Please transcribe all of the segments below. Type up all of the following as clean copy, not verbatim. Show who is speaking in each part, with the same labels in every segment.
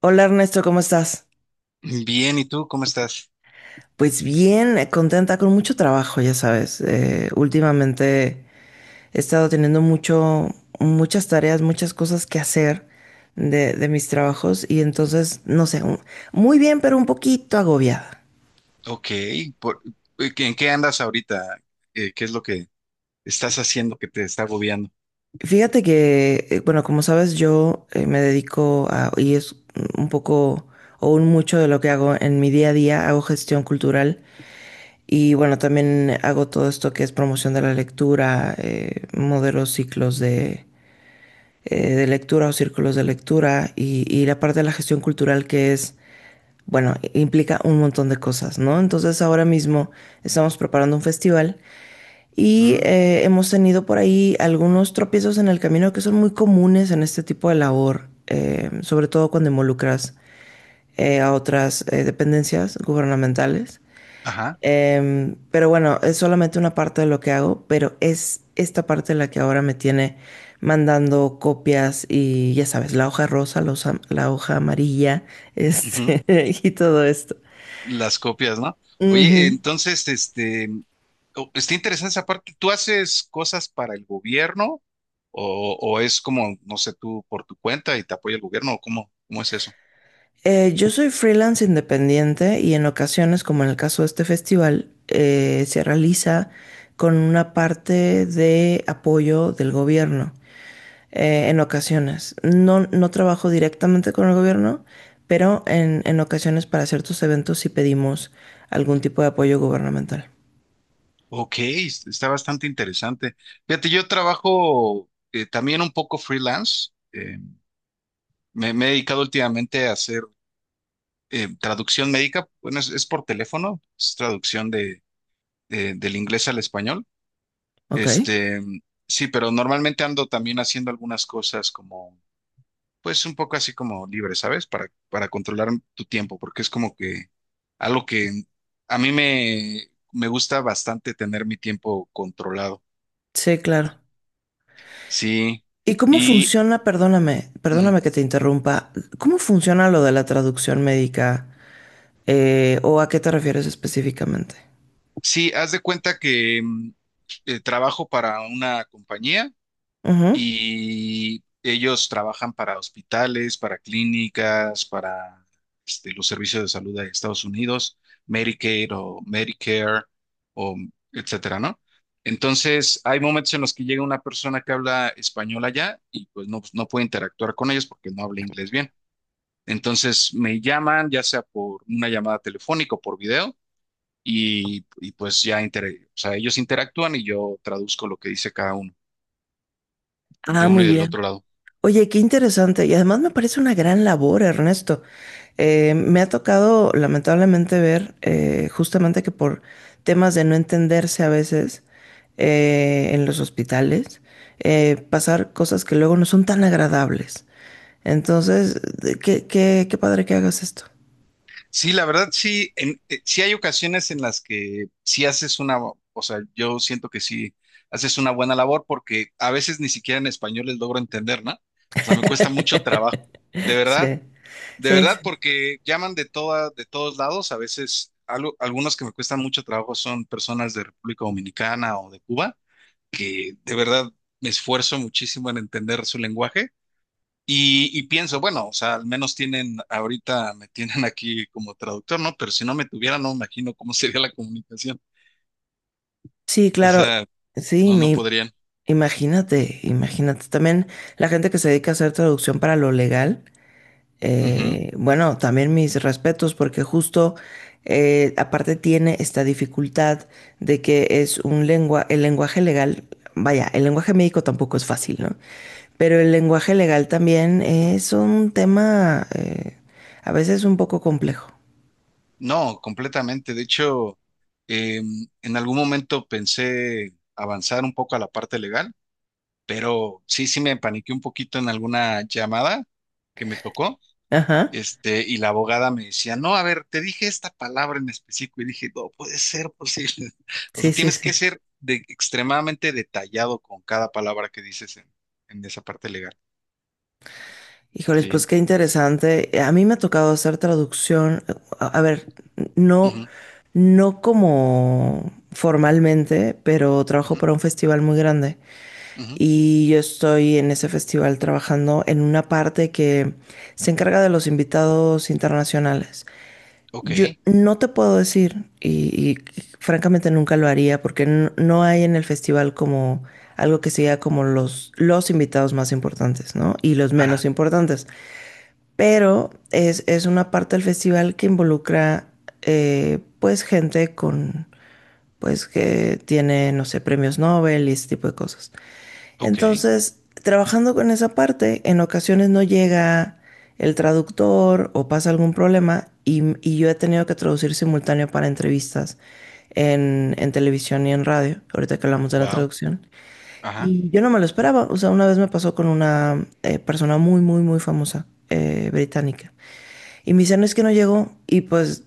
Speaker 1: Hola Ernesto, ¿cómo estás?
Speaker 2: Bien, ¿y tú cómo estás?
Speaker 1: Pues bien, contenta con mucho trabajo, ya sabes. Últimamente he estado teniendo muchas tareas, muchas cosas que hacer de mis trabajos y entonces, no sé, muy bien, pero un poquito agobiada.
Speaker 2: Ok, por- ¿en qué andas ahorita? ¿Qué es lo que estás haciendo que te está agobiando?
Speaker 1: Fíjate que, bueno, como sabes, yo me dedico y es un poco o un mucho de lo que hago en mi día a día, hago gestión cultural y bueno, también hago todo esto que es promoción de la lectura, modelo ciclos de lectura o círculos de lectura y la parte de la gestión cultural que es, bueno, implica un montón de cosas, ¿no? Entonces ahora mismo estamos preparando un festival y
Speaker 2: Mm,
Speaker 1: hemos tenido por ahí algunos tropiezos en el camino que son muy comunes en este tipo de labor, sobre todo cuando involucras a otras dependencias gubernamentales.
Speaker 2: ajá,
Speaker 1: Pero bueno, es solamente una parte de lo que hago, pero es esta parte la que ahora me tiene mandando copias y ya sabes, la hoja rosa, la hoja amarilla,
Speaker 2: ujú.
Speaker 1: este, y todo esto.
Speaker 2: Las copias, ¿no? Oye,
Speaker 1: Ujú.
Speaker 2: entonces, este, está interesante esa parte. ¿Tú haces cosas para el gobierno o es como, no sé, tú por tu cuenta y te apoya el gobierno o cómo, cómo es eso?
Speaker 1: Yo soy freelance independiente y en ocasiones, como en el caso de este festival, se realiza con una parte de apoyo del gobierno. En ocasiones. No, no trabajo directamente con el gobierno, pero en ocasiones para ciertos eventos sí pedimos algún tipo de apoyo gubernamental.
Speaker 2: Ok, está bastante interesante. Fíjate, yo trabajo también un poco freelance. Eh, me he dedicado últimamente a hacer traducción médica. Bueno, es por teléfono, es traducción de, del inglés al español.
Speaker 1: Ok.
Speaker 2: Este, sí, pero normalmente ando también haciendo algunas cosas como, pues un poco así como libre, ¿sabes? Para controlar tu tiempo, porque es como que algo que a mí me, me gusta bastante tener mi tiempo controlado.
Speaker 1: Sí, claro.
Speaker 2: Sí,
Speaker 1: ¿Y cómo
Speaker 2: y
Speaker 1: funciona, perdóname,
Speaker 2: ujú.
Speaker 1: perdóname que te interrumpa, cómo funciona lo de la traducción médica? ¿O a qué te refieres específicamente?
Speaker 2: Sí, haz de cuenta que trabajo para una compañía.
Speaker 1: Ujú.
Speaker 2: Y ellos trabajan para hospitales, para clínicas, para este, los servicios de salud de Estados Unidos, Medicaid o Medicare o etcétera, ¿no? Entonces, hay momentos en los que llega una persona que habla español allá y pues no, no puede interactuar con ellos porque no habla inglés bien. Entonces, me llaman ya sea por una llamada telefónica o por video y pues ya o sea, ellos interactúan y yo traduzco lo que dice cada uno, de
Speaker 1: Ah,
Speaker 2: uno
Speaker 1: muy
Speaker 2: y del
Speaker 1: bien.
Speaker 2: otro lado.
Speaker 1: Oye, qué interesante. Y además me parece una gran labor, Ernesto. Me ha tocado lamentablemente ver justamente que por temas de no entenderse a veces en los hospitales, pasar cosas que luego no son tan agradables. Entonces, qué padre que hagas esto.
Speaker 2: Sí, la verdad sí, sí hay ocasiones en las que sí haces una, o sea, yo siento que sí haces una buena labor porque a veces ni siquiera en español les logro entender, ¿no? O sea, me cuesta mucho trabajo, de verdad,
Speaker 1: Sí,
Speaker 2: de
Speaker 1: sí, sí.
Speaker 2: verdad, porque llaman de toda, de todos lados, a veces algunos que me cuestan mucho trabajo son personas de República Dominicana o de Cuba, que de verdad me esfuerzo muchísimo en entender su lenguaje y pienso, bueno, o sea, al menos tienen, ahorita me tienen aquí como traductor, ¿no? Pero si no me tuvieran, no me imagino cómo sería la comunicación.
Speaker 1: Sí,
Speaker 2: O
Speaker 1: claro.
Speaker 2: sea,
Speaker 1: Sí,
Speaker 2: no, no
Speaker 1: me
Speaker 2: podrían.
Speaker 1: imagínate, imagínate. También la gente que se dedica a hacer traducción para lo legal,
Speaker 2: Ujú.
Speaker 1: bueno, también mis respetos, porque justo aparte tiene esta dificultad de que es el lenguaje legal, vaya, el lenguaje médico tampoco es fácil, ¿no? Pero el lenguaje legal también es un tema a veces un poco complejo.
Speaker 2: No, completamente. De hecho, en algún momento pensé avanzar un poco a la parte legal, pero sí, sí me paniqué un poquito en alguna llamada que me tocó.
Speaker 1: Ajá.
Speaker 2: Este, y la abogada me decía, no, a ver, te dije esta palabra en específico y dije, no puede ser posible. O sea,
Speaker 1: Sí, sí,
Speaker 2: tienes
Speaker 1: sí.
Speaker 2: que ser extremadamente detallado con cada palabra que dices en esa parte legal.
Speaker 1: Híjoles, pues
Speaker 2: Sí.
Speaker 1: qué interesante. A mí me ha tocado hacer traducción, a ver, no,
Speaker 2: Ujú,
Speaker 1: no como formalmente, pero trabajo
Speaker 2: ujú,
Speaker 1: para un festival muy grande
Speaker 2: ujú.
Speaker 1: y yo estoy en ese festival trabajando en una parte que se encarga de los invitados internacionales. Yo
Speaker 2: Ok.
Speaker 1: no te puedo decir y francamente nunca lo haría porque no hay en el festival como algo que sea como los invitados más importantes, ¿no? Y los menos
Speaker 2: Ajá.
Speaker 1: importantes. Pero es una parte del festival que involucra pues gente con pues que tiene, no sé, premios Nobel y ese tipo de cosas.
Speaker 2: Ok.
Speaker 1: Entonces, trabajando con esa parte, en ocasiones no llega el traductor o pasa algún problema y yo he tenido que traducir simultáneo para entrevistas en televisión y en radio, ahorita que hablamos de la
Speaker 2: Wow.
Speaker 1: traducción.
Speaker 2: Ajá.
Speaker 1: Y yo no me lo esperaba, o sea, una vez me pasó con una persona muy, muy, muy famosa británica. Y me dice, no es que no llegó. Y pues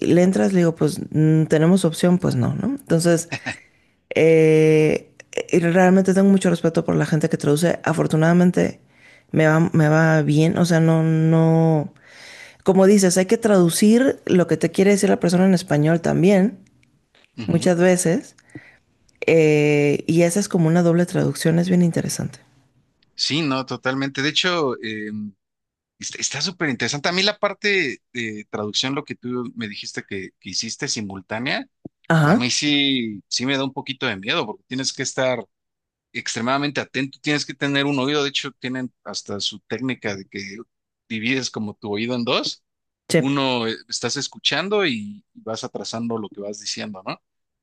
Speaker 1: le entras, le digo, pues tenemos opción, pues no, ¿no? Entonces, eh, realmente tengo mucho respeto por la gente que traduce. Afortunadamente me va bien. O sea, no, no. Como dices, hay que traducir lo que te quiere decir la persona en español también,
Speaker 2: Ujú.
Speaker 1: muchas veces. Y esa es como una doble traducción, es bien interesante.
Speaker 2: Sí, no, totalmente. De hecho, está está súper interesante. A mí la parte de traducción, lo que tú me dijiste que hiciste simultánea, a mí
Speaker 1: Ajá.
Speaker 2: sí, sí me da un poquito de miedo porque tienes que estar extremadamente atento, tienes que tener un oído, de hecho tienen hasta su técnica de que divides como tu oído en dos,
Speaker 1: Sí.
Speaker 2: uno estás escuchando y vas atrasando lo que vas diciendo, ¿no?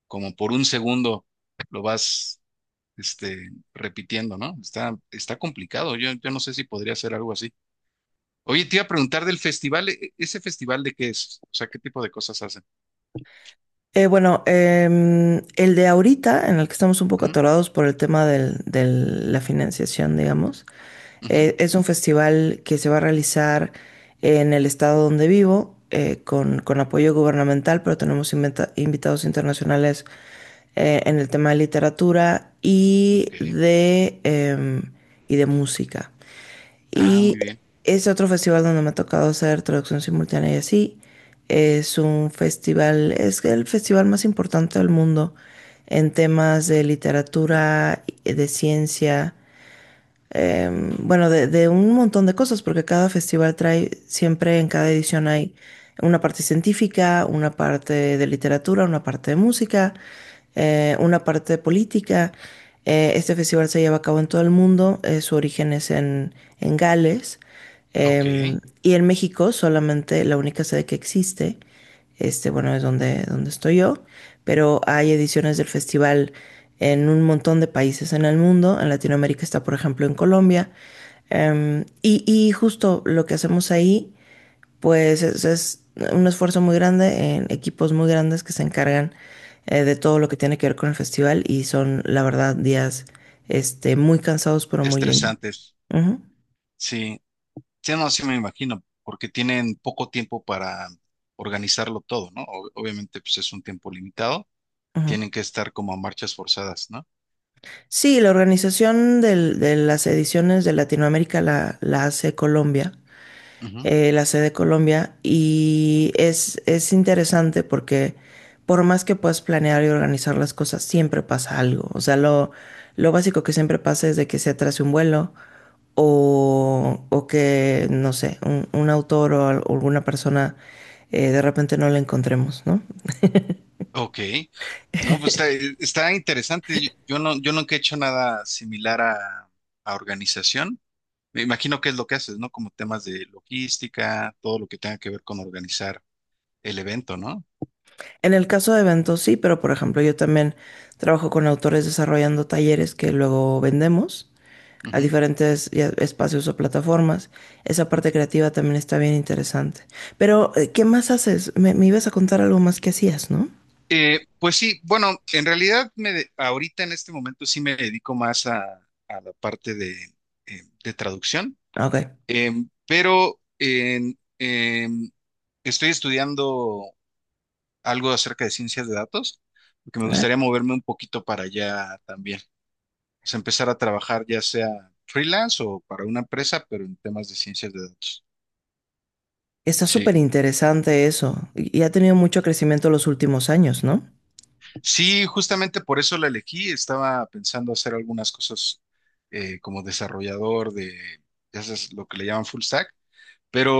Speaker 2: Como por un segundo lo vas, este, repitiendo, ¿no? Está, está complicado, yo no sé si podría hacer algo así. Oye, te iba a preguntar del festival, ¿ese festival de qué es? O sea, ¿qué tipo de cosas hacen?
Speaker 1: Bueno, el de ahorita, en el que estamos un poco
Speaker 2: Ujú,
Speaker 1: atorados por el tema de la financiación, digamos,
Speaker 2: ujú,
Speaker 1: es un festival que se va a realizar en el estado donde vivo, con apoyo gubernamental, pero tenemos invitados internacionales en el tema de literatura y
Speaker 2: ok.
Speaker 1: y de música.
Speaker 2: Ah,
Speaker 1: Y
Speaker 2: muy bien.
Speaker 1: es otro festival donde me ha tocado hacer traducción simultánea y así. Es un festival, es el festival más importante del mundo en temas de literatura, de ciencia eh, bueno, de un montón de cosas, porque cada festival trae, siempre en cada edición hay una parte científica, una parte de literatura, una parte de música, una parte de política. Este festival se lleva a cabo en todo el mundo, su origen es en Gales,
Speaker 2: Ok.
Speaker 1: y en México solamente la única sede que existe, este, bueno, es donde, estoy yo, pero hay ediciones del festival en un montón de países en el mundo. En Latinoamérica está, por ejemplo, en Colombia. Y justo lo que hacemos ahí, pues es un esfuerzo muy grande en equipos muy grandes que se encargan de todo lo que tiene que ver con el festival y son, la verdad, días este, muy cansados, pero muy lindos.
Speaker 2: Estresantes.
Speaker 1: Ujú,
Speaker 2: Sí. Sí, no, sí me imagino, porque tienen poco tiempo para organizarlo todo, ¿no? Obviamente, pues es un tiempo limitado,
Speaker 1: ujú.
Speaker 2: tienen que estar como a marchas forzadas, ¿no?
Speaker 1: Sí, la organización de las ediciones de Latinoamérica la hace Colombia.
Speaker 2: Ujú.
Speaker 1: La sede Colombia, y es interesante porque por más que puedas planear y organizar las cosas, siempre pasa algo. O sea, lo básico que siempre pasa es de que se atrase un vuelo o que, no sé, un autor o o alguna persona de repente no la encontremos, ¿no?
Speaker 2: Ok. No, pues está, está interesante. Yo nunca he hecho nada similar a organización. Me imagino que es lo que haces, ¿no? Como temas de logística, todo lo que tenga que ver con organizar el evento, no.
Speaker 1: En el caso de eventos sí, pero por ejemplo yo también trabajo con autores desarrollando talleres que luego vendemos a diferentes ya, espacios o plataformas. Esa parte creativa también está bien interesante. Pero, ¿qué más haces? Me ibas a contar algo más que hacías, ¿no?
Speaker 2: Pues sí, bueno, en realidad ahorita en este momento sí me dedico más a la parte de traducción.
Speaker 1: Ah, ok.
Speaker 2: Pero estoy estudiando algo acerca de ciencias de datos, porque me
Speaker 1: Ah,
Speaker 2: gustaría moverme un poquito para allá también. O sea, empezar a trabajar ya sea freelance o para una empresa, pero en temas de ciencias de datos.
Speaker 1: está súper
Speaker 2: Sí.
Speaker 1: interesante eso. Y ha tenido mucho crecimiento los últimos años, ¿no?
Speaker 2: Sí, justamente por eso la elegí. Estaba pensando hacer algunas cosas como desarrollador de, ya sabes, lo que le llaman full stack,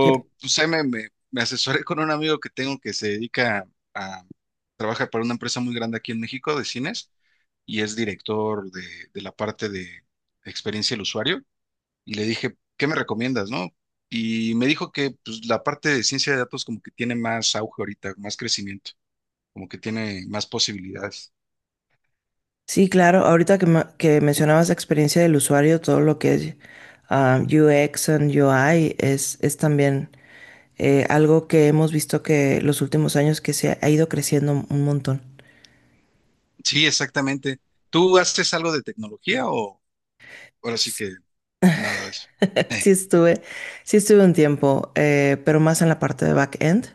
Speaker 1: Sí,
Speaker 2: pues, ahí me asesoré con un amigo que tengo que se dedica a, trabaja para una empresa muy grande aquí en México de cines y es director de la parte de experiencia del usuario. Y le dije, ¿qué me recomiendas, no? Y me dijo que pues, la parte de ciencia de datos como que tiene más auge ahorita, más crecimiento, como que tiene más posibilidades.
Speaker 1: sí, claro. Ahorita que mencionabas la experiencia del usuario, todo lo que es UX and UI es también algo que hemos visto que los últimos años que se ha ido creciendo un montón.
Speaker 2: Sí, exactamente. ¿Tú haces algo de tecnología o ahora sí que nada de eso?
Speaker 1: Sí
Speaker 2: Eh,
Speaker 1: estuve, sí estuve un tiempo, pero más en la parte de back-end.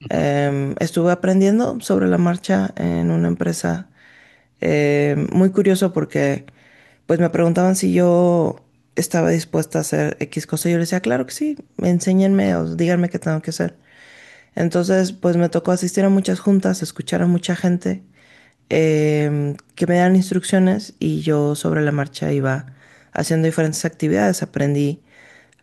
Speaker 2: ujú,
Speaker 1: Estuve aprendiendo sobre la marcha en una empresa. Muy curioso porque pues me preguntaban si yo estaba dispuesta a hacer X cosa. Yo les decía, claro que sí,
Speaker 2: ujú.
Speaker 1: enséñenme o díganme qué tengo que hacer. Entonces, pues me tocó asistir a muchas juntas, escuchar a mucha gente, que me dan instrucciones y yo sobre la marcha iba haciendo diferentes actividades. Aprendí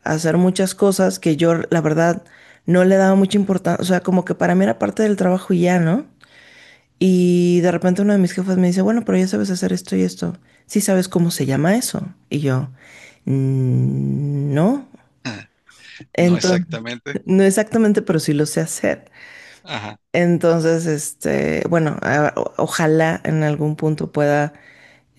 Speaker 1: a hacer muchas cosas que yo, la verdad, no le daba mucha importancia. O sea, como que para mí era parte del trabajo y ya, ¿no? Y de repente uno de mis jefes me dice, bueno, pero ya sabes hacer esto y esto. Sí sabes cómo se llama eso. Y yo, "Mm, no."
Speaker 2: No
Speaker 1: Entonces,
Speaker 2: exactamente.
Speaker 1: no exactamente, pero sí lo sé hacer.
Speaker 2: Ajá,
Speaker 1: Entonces, este, bueno, ojalá en algún punto pueda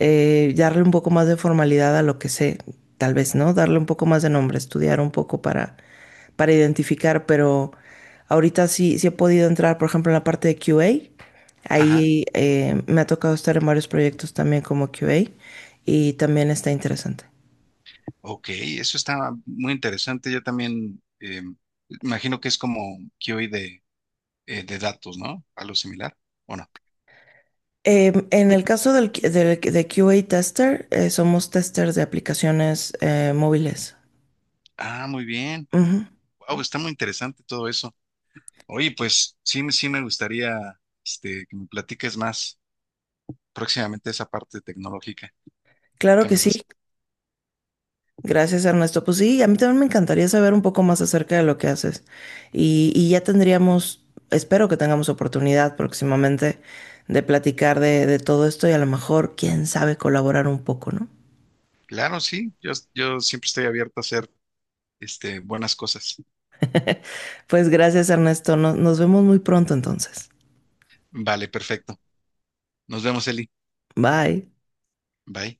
Speaker 1: darle un poco más de formalidad a lo que sé, tal vez, ¿no? Darle un poco más de nombre, estudiar un poco para identificar, pero ahorita sí he podido entrar, por ejemplo, en la parte de QA.
Speaker 2: ajá.
Speaker 1: Ahí me ha tocado estar en varios proyectos también como QA y también está interesante.
Speaker 2: Ok, eso está muy interesante. Yo también imagino que es como QA de datos, ¿no? Algo similar, ¿o no?
Speaker 1: En el caso de QA Tester, somos testers de aplicaciones móviles.
Speaker 2: Ah, muy bien.
Speaker 1: Ujú.
Speaker 2: Wow, está muy interesante todo eso. Oye, pues sí, sí me gustaría este, que me platiques más próximamente esa parte tecnológica.
Speaker 1: Claro
Speaker 2: ¿Qué
Speaker 1: que
Speaker 2: más
Speaker 1: sí,
Speaker 2: haces?
Speaker 1: gracias Ernesto. Pues sí, a mí también me encantaría saber un poco más acerca de lo que haces. Y ya tendríamos, espero que tengamos oportunidad próximamente de platicar de todo esto y a lo mejor, quién sabe, colaborar un poco, ¿no?
Speaker 2: Claro, sí. Yo siempre estoy abierto a hacer este, buenas cosas.
Speaker 1: Pues gracias Ernesto, nos vemos muy pronto entonces.
Speaker 2: Vale, perfecto. Nos vemos, Eli.
Speaker 1: Bye.
Speaker 2: Bye.